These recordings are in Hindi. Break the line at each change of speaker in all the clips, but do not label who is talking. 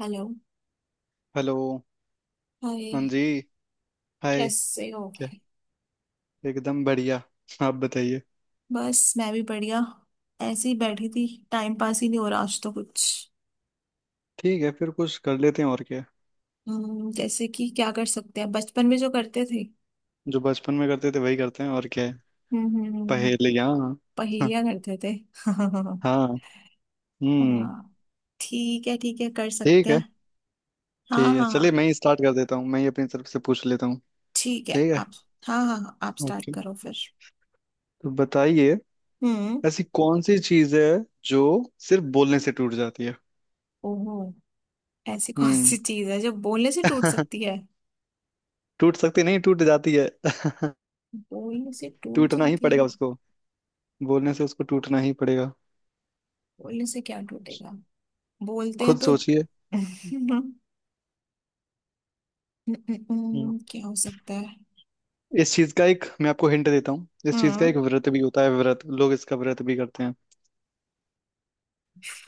हेलो।
हेलो। हाँ
हाय।
जी। हाय।
कैसे हो?
क्या? एकदम बढ़िया। आप बताइए।
बस मैं भी बढ़िया। ऐसे ही बैठी थी, टाइम पास ही नहीं हो रहा आज तो कुछ।
ठीक है फिर कुछ कर लेते हैं और क्या।
जैसे कि क्या कर सकते हैं, बचपन में जो करते थे।
जो बचपन में करते थे वही करते हैं और क्या है।
हम्म।
पहेलियाँ। हाँ।
पहेलियां करते थे हाँ।
हाँ, हम्म।
ठीक है, ठीक है, कर सकते
ठीक है।
हैं। हाँ,
ठीक है
हाँ,
चलिए
हाँ।
मैं ही स्टार्ट कर देता हूँ, मैं ही अपनी तरफ से पूछ लेता हूँ।
ठीक है,
ठीक है।
आप। हाँ, हाँ, हाँ, आप स्टार्ट
ओके।
करो फिर।
तो बताइए।
हम्म।
ऐसी कौन सी चीज़ है जो सिर्फ बोलने से टूट जाती है?
ओहो। ऐसी कौन सी
हम्म।
चीज है जो बोलने से टूट सकती है?
टूट सकती नहीं, टूट जाती है।
बोलने से टूट
टूटना ही
जाती है?
पड़ेगा उसको, बोलने से उसको टूटना ही पड़ेगा।
बोलने से क्या टूटेगा? बोलते हैं
खुद
तो
सोचिए। हम्म।
क्या हो सकता है?
इस चीज का एक मैं आपको हिंट देता हूँ, इस चीज का
हाँ।
एक व्रत भी होता है, व्रत लोग इसका व्रत भी करते हैं।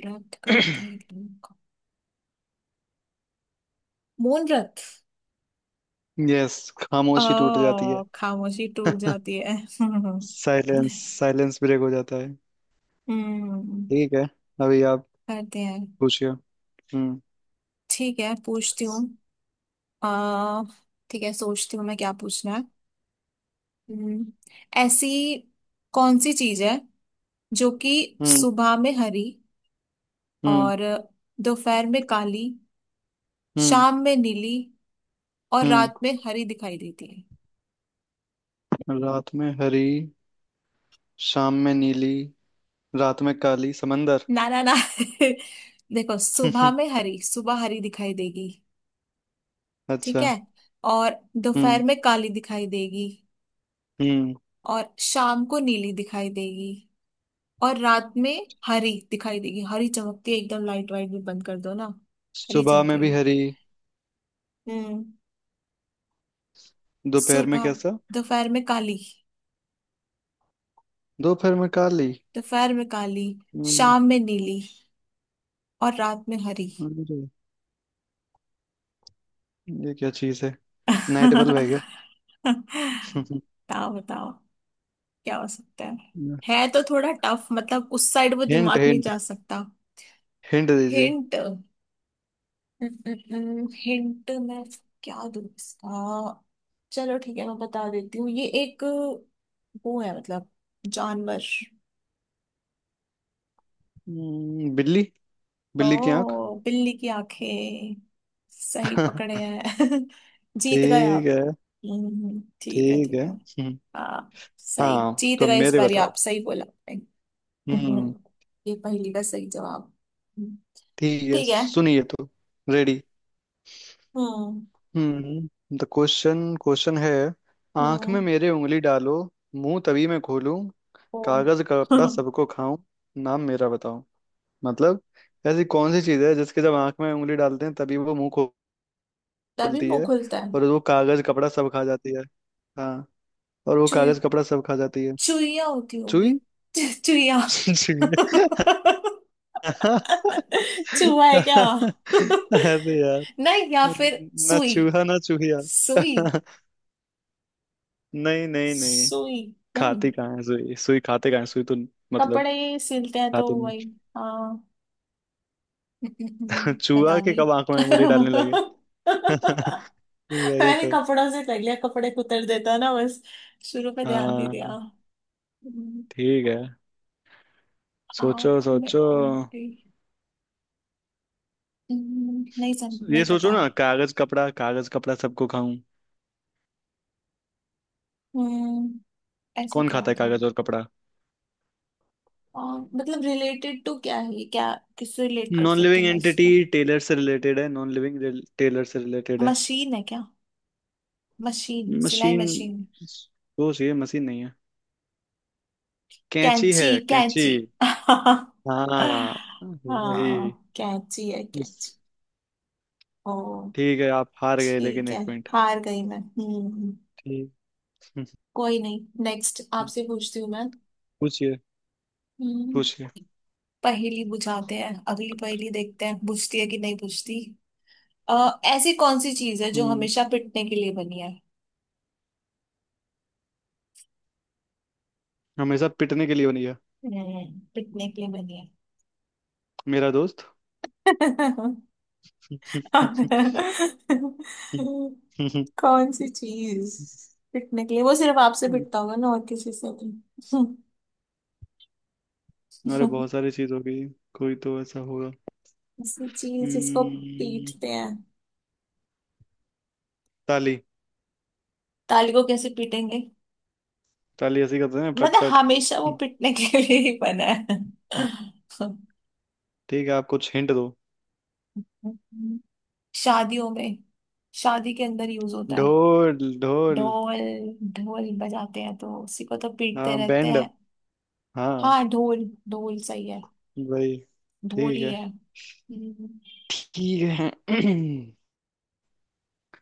व्रत करते हैं लोग। मौन व्रत।
यस।
ओ,
खामोशी टूट जाती है।
खामोशी टूट जाती है
साइलेंस। साइलेंस ब्रेक हो जाता है।
हम्म।
ठीक है। अभी आप
करते हैं।
पूछिए। हम्म।
ठीक है, पूछती हूँ। आ ठीक है, सोचती हूँ मैं क्या पूछना है। हम्म, ऐसी कौन सी चीज है जो कि
हम्म।
सुबह में हरी,
हम्म।
और दोपहर में काली,
हम्म।
शाम में नीली, और रात में हरी दिखाई देती है?
रात में हरी, शाम में नीली, रात में काली समंदर।
ना, ना, ना देखो, सुबह में हरी, सुबह हरी दिखाई देगी। ठीक
अच्छा।
है। और दोपहर
हम्म।
में काली दिखाई देगी।
हम्म।
और शाम को नीली दिखाई देगी, और रात में हरी दिखाई देगी। हरी चमकती है एकदम, लाइट वाइट भी बंद कर दो ना। हरी
सुबह में भी
चमकेगी।
हरी।
हम्म।
दोपहर में
सुबह।
कैसा?
दोपहर में काली।
दोपहर में काली।
दोपहर में काली।
हम्म।
शाम में नीली, और रात में हरी।
अरे, ये क्या चीज है? नाइट बल्ब है क्या?
बताओ, बताओ। क्या हो सकता है? है तो थोड़ा टफ, मतलब उस साइड वो
हिंट
दिमाग नहीं
हिंट।
जा सकता।
हिंट दीजिए।
हिंट? हिंट मैं क्या दूँ इसका? चलो ठीक है, मैं बता देती हूँ, ये एक वो है मतलब, जानवर।
बिल्ली। बिल्ली की आंख।
ओ, बिल्ली की आंखें, सही पकड़े हैं जीत गए
ठीक
आप।
है।
ठीक है,
ठीक
ठीक
है।
है।
हम्म।
हाँ, सही,
हाँ
जीत
तो
गए इस
मेरे
बारी,
बताओ।
आप सही बोला आपने।
हम्म।
ये पहेली का सही जवाब।
ठीक है
ठीक है।
सुनिए तो। Ready.
Hmm.
The question question है। आंख में
हम्म।
मेरे उंगली डालो, मुंह तभी मैं खोलूं,
ओ
कागज कपड़ा सबको खाऊं, नाम मेरा बताओ। मतलब ऐसी कौन सी चीज है जिसके जब आंख में उंगली डालते हैं तभी वो मुंह खो-
तभी
खोलती
मुंह
है
खुलता है।
और वो कागज कपड़ा सब खा जाती है। हाँ। और वो
चु
कागज कपड़ा सब खा जाती है।
चुईया होती होगी।
चूई।
चुईया।
जी।
चुहा है क्या?
अरे यार,
नहीं, या फिर
ना
सुई।
चूहा ना चूहिया।
सुई।
नहीं नहीं नहीं।
सुई। नहीं,
खाती कहाँ है सुई, सुई खाते कहाँ है सुई तो। मतलब।
कपड़े ही सिलते हैं तो
खाते नहीं।
वही। हाँ
चूहा
पता
के
नहीं।
कब आंखों में उंगली डालने लगे। वही
मैंने
तो।
कपड़ों से कर लिया, कपड़े कुतर देता ना बस। शुरू में ध्यान नहीं दिया।
हाँ। ठीक है। सोचो
आंख में
सोचो।
उल्टी। नहीं, सम
ये
नहीं
सोचो
पता।
ना कागज कपड़ा, कागज कपड़ा सबको खाऊं।
हम्म। ऐसा
कौन
क्या
खाता है
होता है?
कागज और कपड़ा?
और मतलब रिलेटेड टू क्या है ये? क्या किससे रिलेट कर
नॉन
सकती
लिविंग
हूँ मैं
एंटिटी,
इसको?
टेलर से रिलेटेड है, नॉन लिविंग। टेलर से रिलेटेड है।
मशीन है क्या? मशीन, सिलाई
मशीन।
मशीन।
सोच ये मशीन नहीं है। कैंची है
कैंची?
कैंची।
कैंची
हाँ
हाँ,
वही।
कैंची है
उस-
कैंची। ओ,
ठीक है आप हार गए लेकिन
ठीक है,
एक पॉइंट।
हार गई मैं। हम्म।
ठीक।
कोई नहीं, नेक्स्ट
हम्म,
आपसे पूछती हूँ मैं।
पूछिए।
हम्म।
पूछिए।
पहेली बुझाते हैं, अगली पहेली देखते हैं, बुझती है कि नहीं बुझती। ऐसी कौन सी चीज है जो
हम्म
हमेशा पिटने के लिए बनी है?
हमेशा पिटने के लिए बनी है।
पिटने के लिए बनी है।
मेरा दोस्त।
कौन सी चीज? पिटने के लिए वो सिर्फ आपसे पिटता होगा ना, और किसी से नहीं।
अरे बहुत सारी चीज होगी। कोई तो ऐसा होगा।
ऐसी चीज जिसको
हम्म,
पीटते हैं।
ताली।
ताली को कैसे पीटेंगे?
ताली ऐसी करते हैं पट
मतलब
पट।
हमेशा वो पिटने के लिए ही बना है
ठीक है आप कुछ हिंट दो।
हम्म, शादियों में, शादी के अंदर यूज होता है।
ढोल ढोल।
ढोल? ढोल बजाते हैं तो उसी को तो पीटते
हाँ
रहते
बैंड।
हैं।
हाँ
हाँ, ढोल, ढोल सही है।
वही।
ढोल
ठीक
ही
है।
है। हम्म,
ठीक है।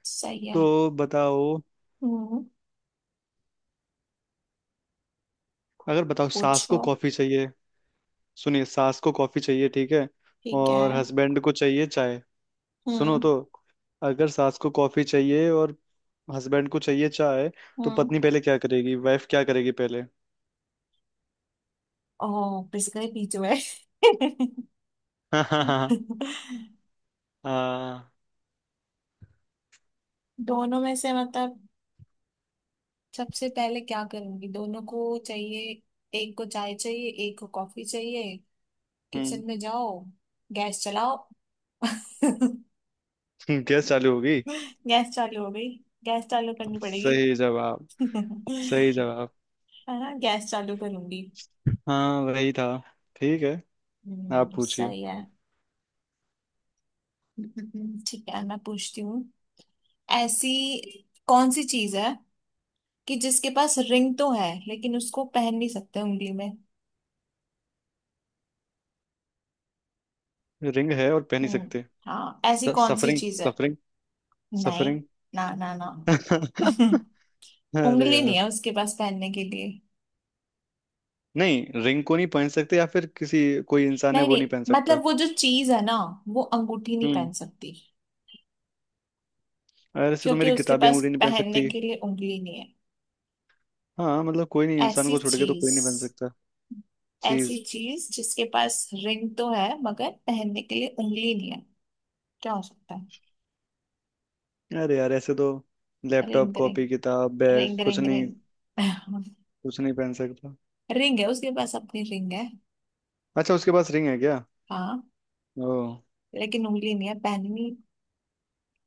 सही
तो
है।
बताओ।
हम्म
अगर बताओ सास
पूछो।
को कॉफी चाहिए। सुनिए सास को कॉफी चाहिए, ठीक है।
ठीक है।
और हस्बैंड को चाहिए चाय। सुनो
हम्म।
तो। अगर सास को कॉफी चाहिए और हस्बैंड को चाहिए चाय तो
हम्म।
पत्नी पहले क्या करेगी, वाइफ क्या करेगी पहले?
ओ, पिस गए बीच में
हाँ हाँ हाँ हाँ।
दोनों में से मतलब, सबसे पहले क्या करूंगी, दोनों को चाहिए। एक को चाय चाहिए, एक को कॉफी चाहिए।
हम्म।
किचन में जाओ, गैस चलाओ
गैस चालू होगी।
गैस चालू हो गई। गैस चालू करनी पड़ेगी।
सही जवाब। सही जवाब।
है। ना, गैस चालू करूंगी।
हाँ वही था। ठीक है। आप पूछिए।
सही है। ठीक है, मैं पूछती हूँ। ऐसी कौन सी चीज है कि जिसके पास रिंग तो है, लेकिन उसको पहन नहीं सकते उंगली में?
रिंग है और पहन ही
हम्म।
सकते?
हाँ, ऐसी कौन सी
सफरिंग।
चीज है?
सफरिंग।
नहीं,
सफरिंग।
ना, ना, ना
अरे
उंगली नहीं
यार।
है उसके पास पहनने के लिए।
नहीं रिंग को नहीं पहन सकते या फिर किसी, कोई इंसान है
नहीं,
वो नहीं
नहीं,
पहन सकता?
मतलब वो जो चीज है ना, वो अंगूठी नहीं
हम्म।
पहन सकती।
और ऐसे तो
क्योंकि
मेरी
उसके
किताबी
पास
अंगूठी नहीं पहन
पहनने
सकती।
के लिए उंगली नहीं है।
हाँ मतलब कोई नहीं, इंसान
ऐसी
को छोड़ के तो कोई
चीज।
नहीं पहन सकता।
ऐसी
चीज।
चीज जिसके पास रिंग तो है, मगर पहनने के लिए उंगली नहीं है। क्या हो सकता है?
अरे यार ऐसे तो लैपटॉप,
रिंग, रिंग,
कॉपी, किताब, बैग
रिंग।
कुछ
रिंग,
नहीं।
रिंग,
कुछ नहीं पहन सकता।
रिंग है, उसके पास अपनी रिंग है।
अच्छा उसके पास रिंग है क्या?
हाँ,
ओ।
लेकिन उंगली नहीं है, पहन नहीं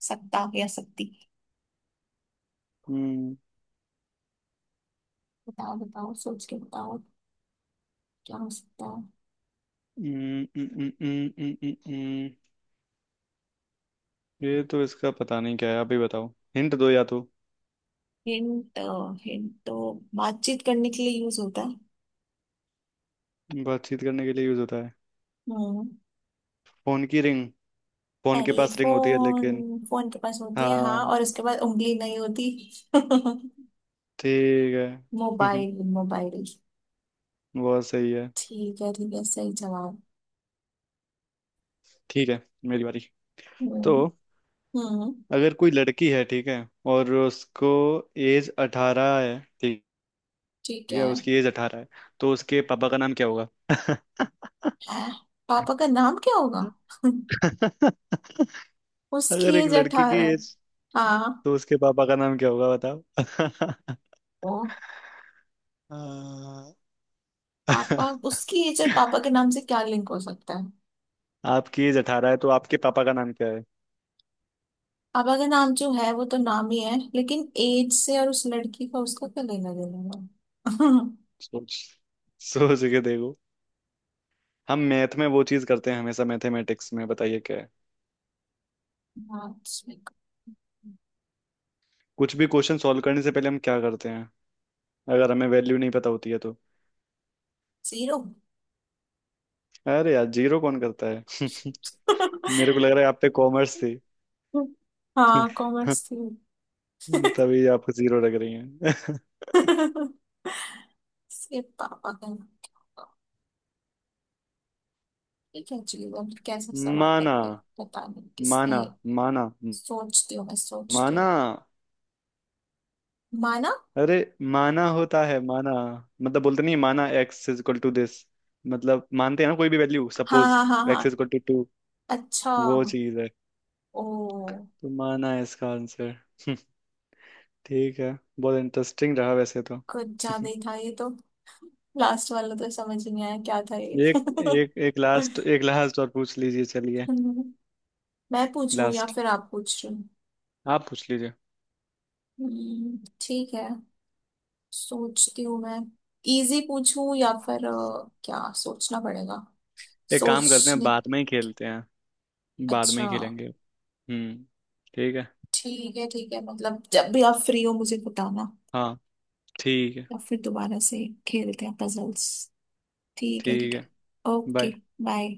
सकता या सकती।
हम्म।
बताओ, बताओ, सोच के बताओ। क्या हो सकता है?
हम्म, हम्म, हम्म, हम्म, हम्म, हम्म, हम्म। ये तो इसका पता नहीं क्या है, आप ही बताओ। हिंट दो या तो।
हिंट? हिंट तो बातचीत करने के लिए यूज होता है।
बातचीत करने के लिए यूज होता है।
हम्म।
फोन की रिंग। फोन के पास रिंग होती है
टेलीफोन,
लेकिन।
फोन के पास होती है,
हाँ।
हाँ, और उसके बाद उंगली नहीं होती
ठीक है।
Mobile, mobile.
बहुत सही है।
ठीक है, ठीक है, सही जवाब।
ठीक है। मेरी बारी। तो
हम्म। हम्म।
अगर कोई लड़की है, ठीक है, और उसको एज 18 है, ठीक
ठीक
है
है,
उसकी एज 18 है, तो उसके पापा का नाम क्या होगा?
है? पापा का नाम क्या होगा उसकी
अगर एक
एज
लड़की की
18 है?
एज,
हाँ।
तो उसके पापा का नाम क्या होगा बताओ?
ओ,
आ,
पापा, उसकी एज और पापा के नाम से क्या लिंक हो सकता है?
आपकी एज 18 है तो आपके पापा का नाम क्या है?
पापा का नाम जो है वो तो नाम ही है, लेकिन एज से और उस लड़की का, उसका क्या लेना देना है
सोच। सोच के देखो। हम मैथ में वो चीज करते हैं हमेशा, मैथमेटिक्स में बताइए क्या है।
मार्क्स में।
कुछ भी क्वेश्चन सॉल्व करने से पहले हम क्या करते हैं अगर हमें वैल्यू नहीं पता होती है तो?
जीरो
अरे यार जीरो कौन करता है। मेरे को लग रहा है आप पे कॉमर्स थी।
हाँ, कॉमर्स थी
तभी आपको जीरो लग रही है।
सिर्फ पापा का नाम क्या होगा? ये क्या जीवन कैसा सवाल है
माना।
ये, पता नहीं किसने
माना। माना।
सोचती हूँ मैं, सोचती
माना।
हूँ। माना।
अरे माना होता है माना। मतलब बोलते नहीं माना, x is equal to this. मतलब मानते हैं ना कोई भी वैल्यू
हाँ,
सपोज,
हाँ, हाँ, हाँ।
X is equal to 2।
अच्छा।
वो चीज है।
ओ।
तो माना है इसका आंसर। ठीक है। बहुत इंटरेस्टिंग रहा वैसे तो।
कुछ ज्यादा ही था ये तो। लास्ट वाला तो समझ ही नहीं आया क्या था ये
एक एक एक लास्ट, एक लास्ट और पूछ लीजिए चलिए।
मैं पूछूं या
लास्ट।
फिर आप पूछ रहे हो?
आप पूछ लीजिए।
ठीक है, सोचती हूँ मैं। इजी पूछूं या फिर क्या सोचना पड़ेगा।
एक काम करते हैं
सोचने।
बाद में ही खेलते हैं। बाद में
अच्छा।
ही खेलेंगे। हम्म। ठीक है।
ठीक है, ठीक है, मतलब जब भी आप फ्री हो मुझे बताना।
हाँ। ठीक है।
या फिर दोबारा से खेलते हैं पजल्स। ठीक है,
ठीक
ठीक है।
है।
ओके।
बाय।
बाय।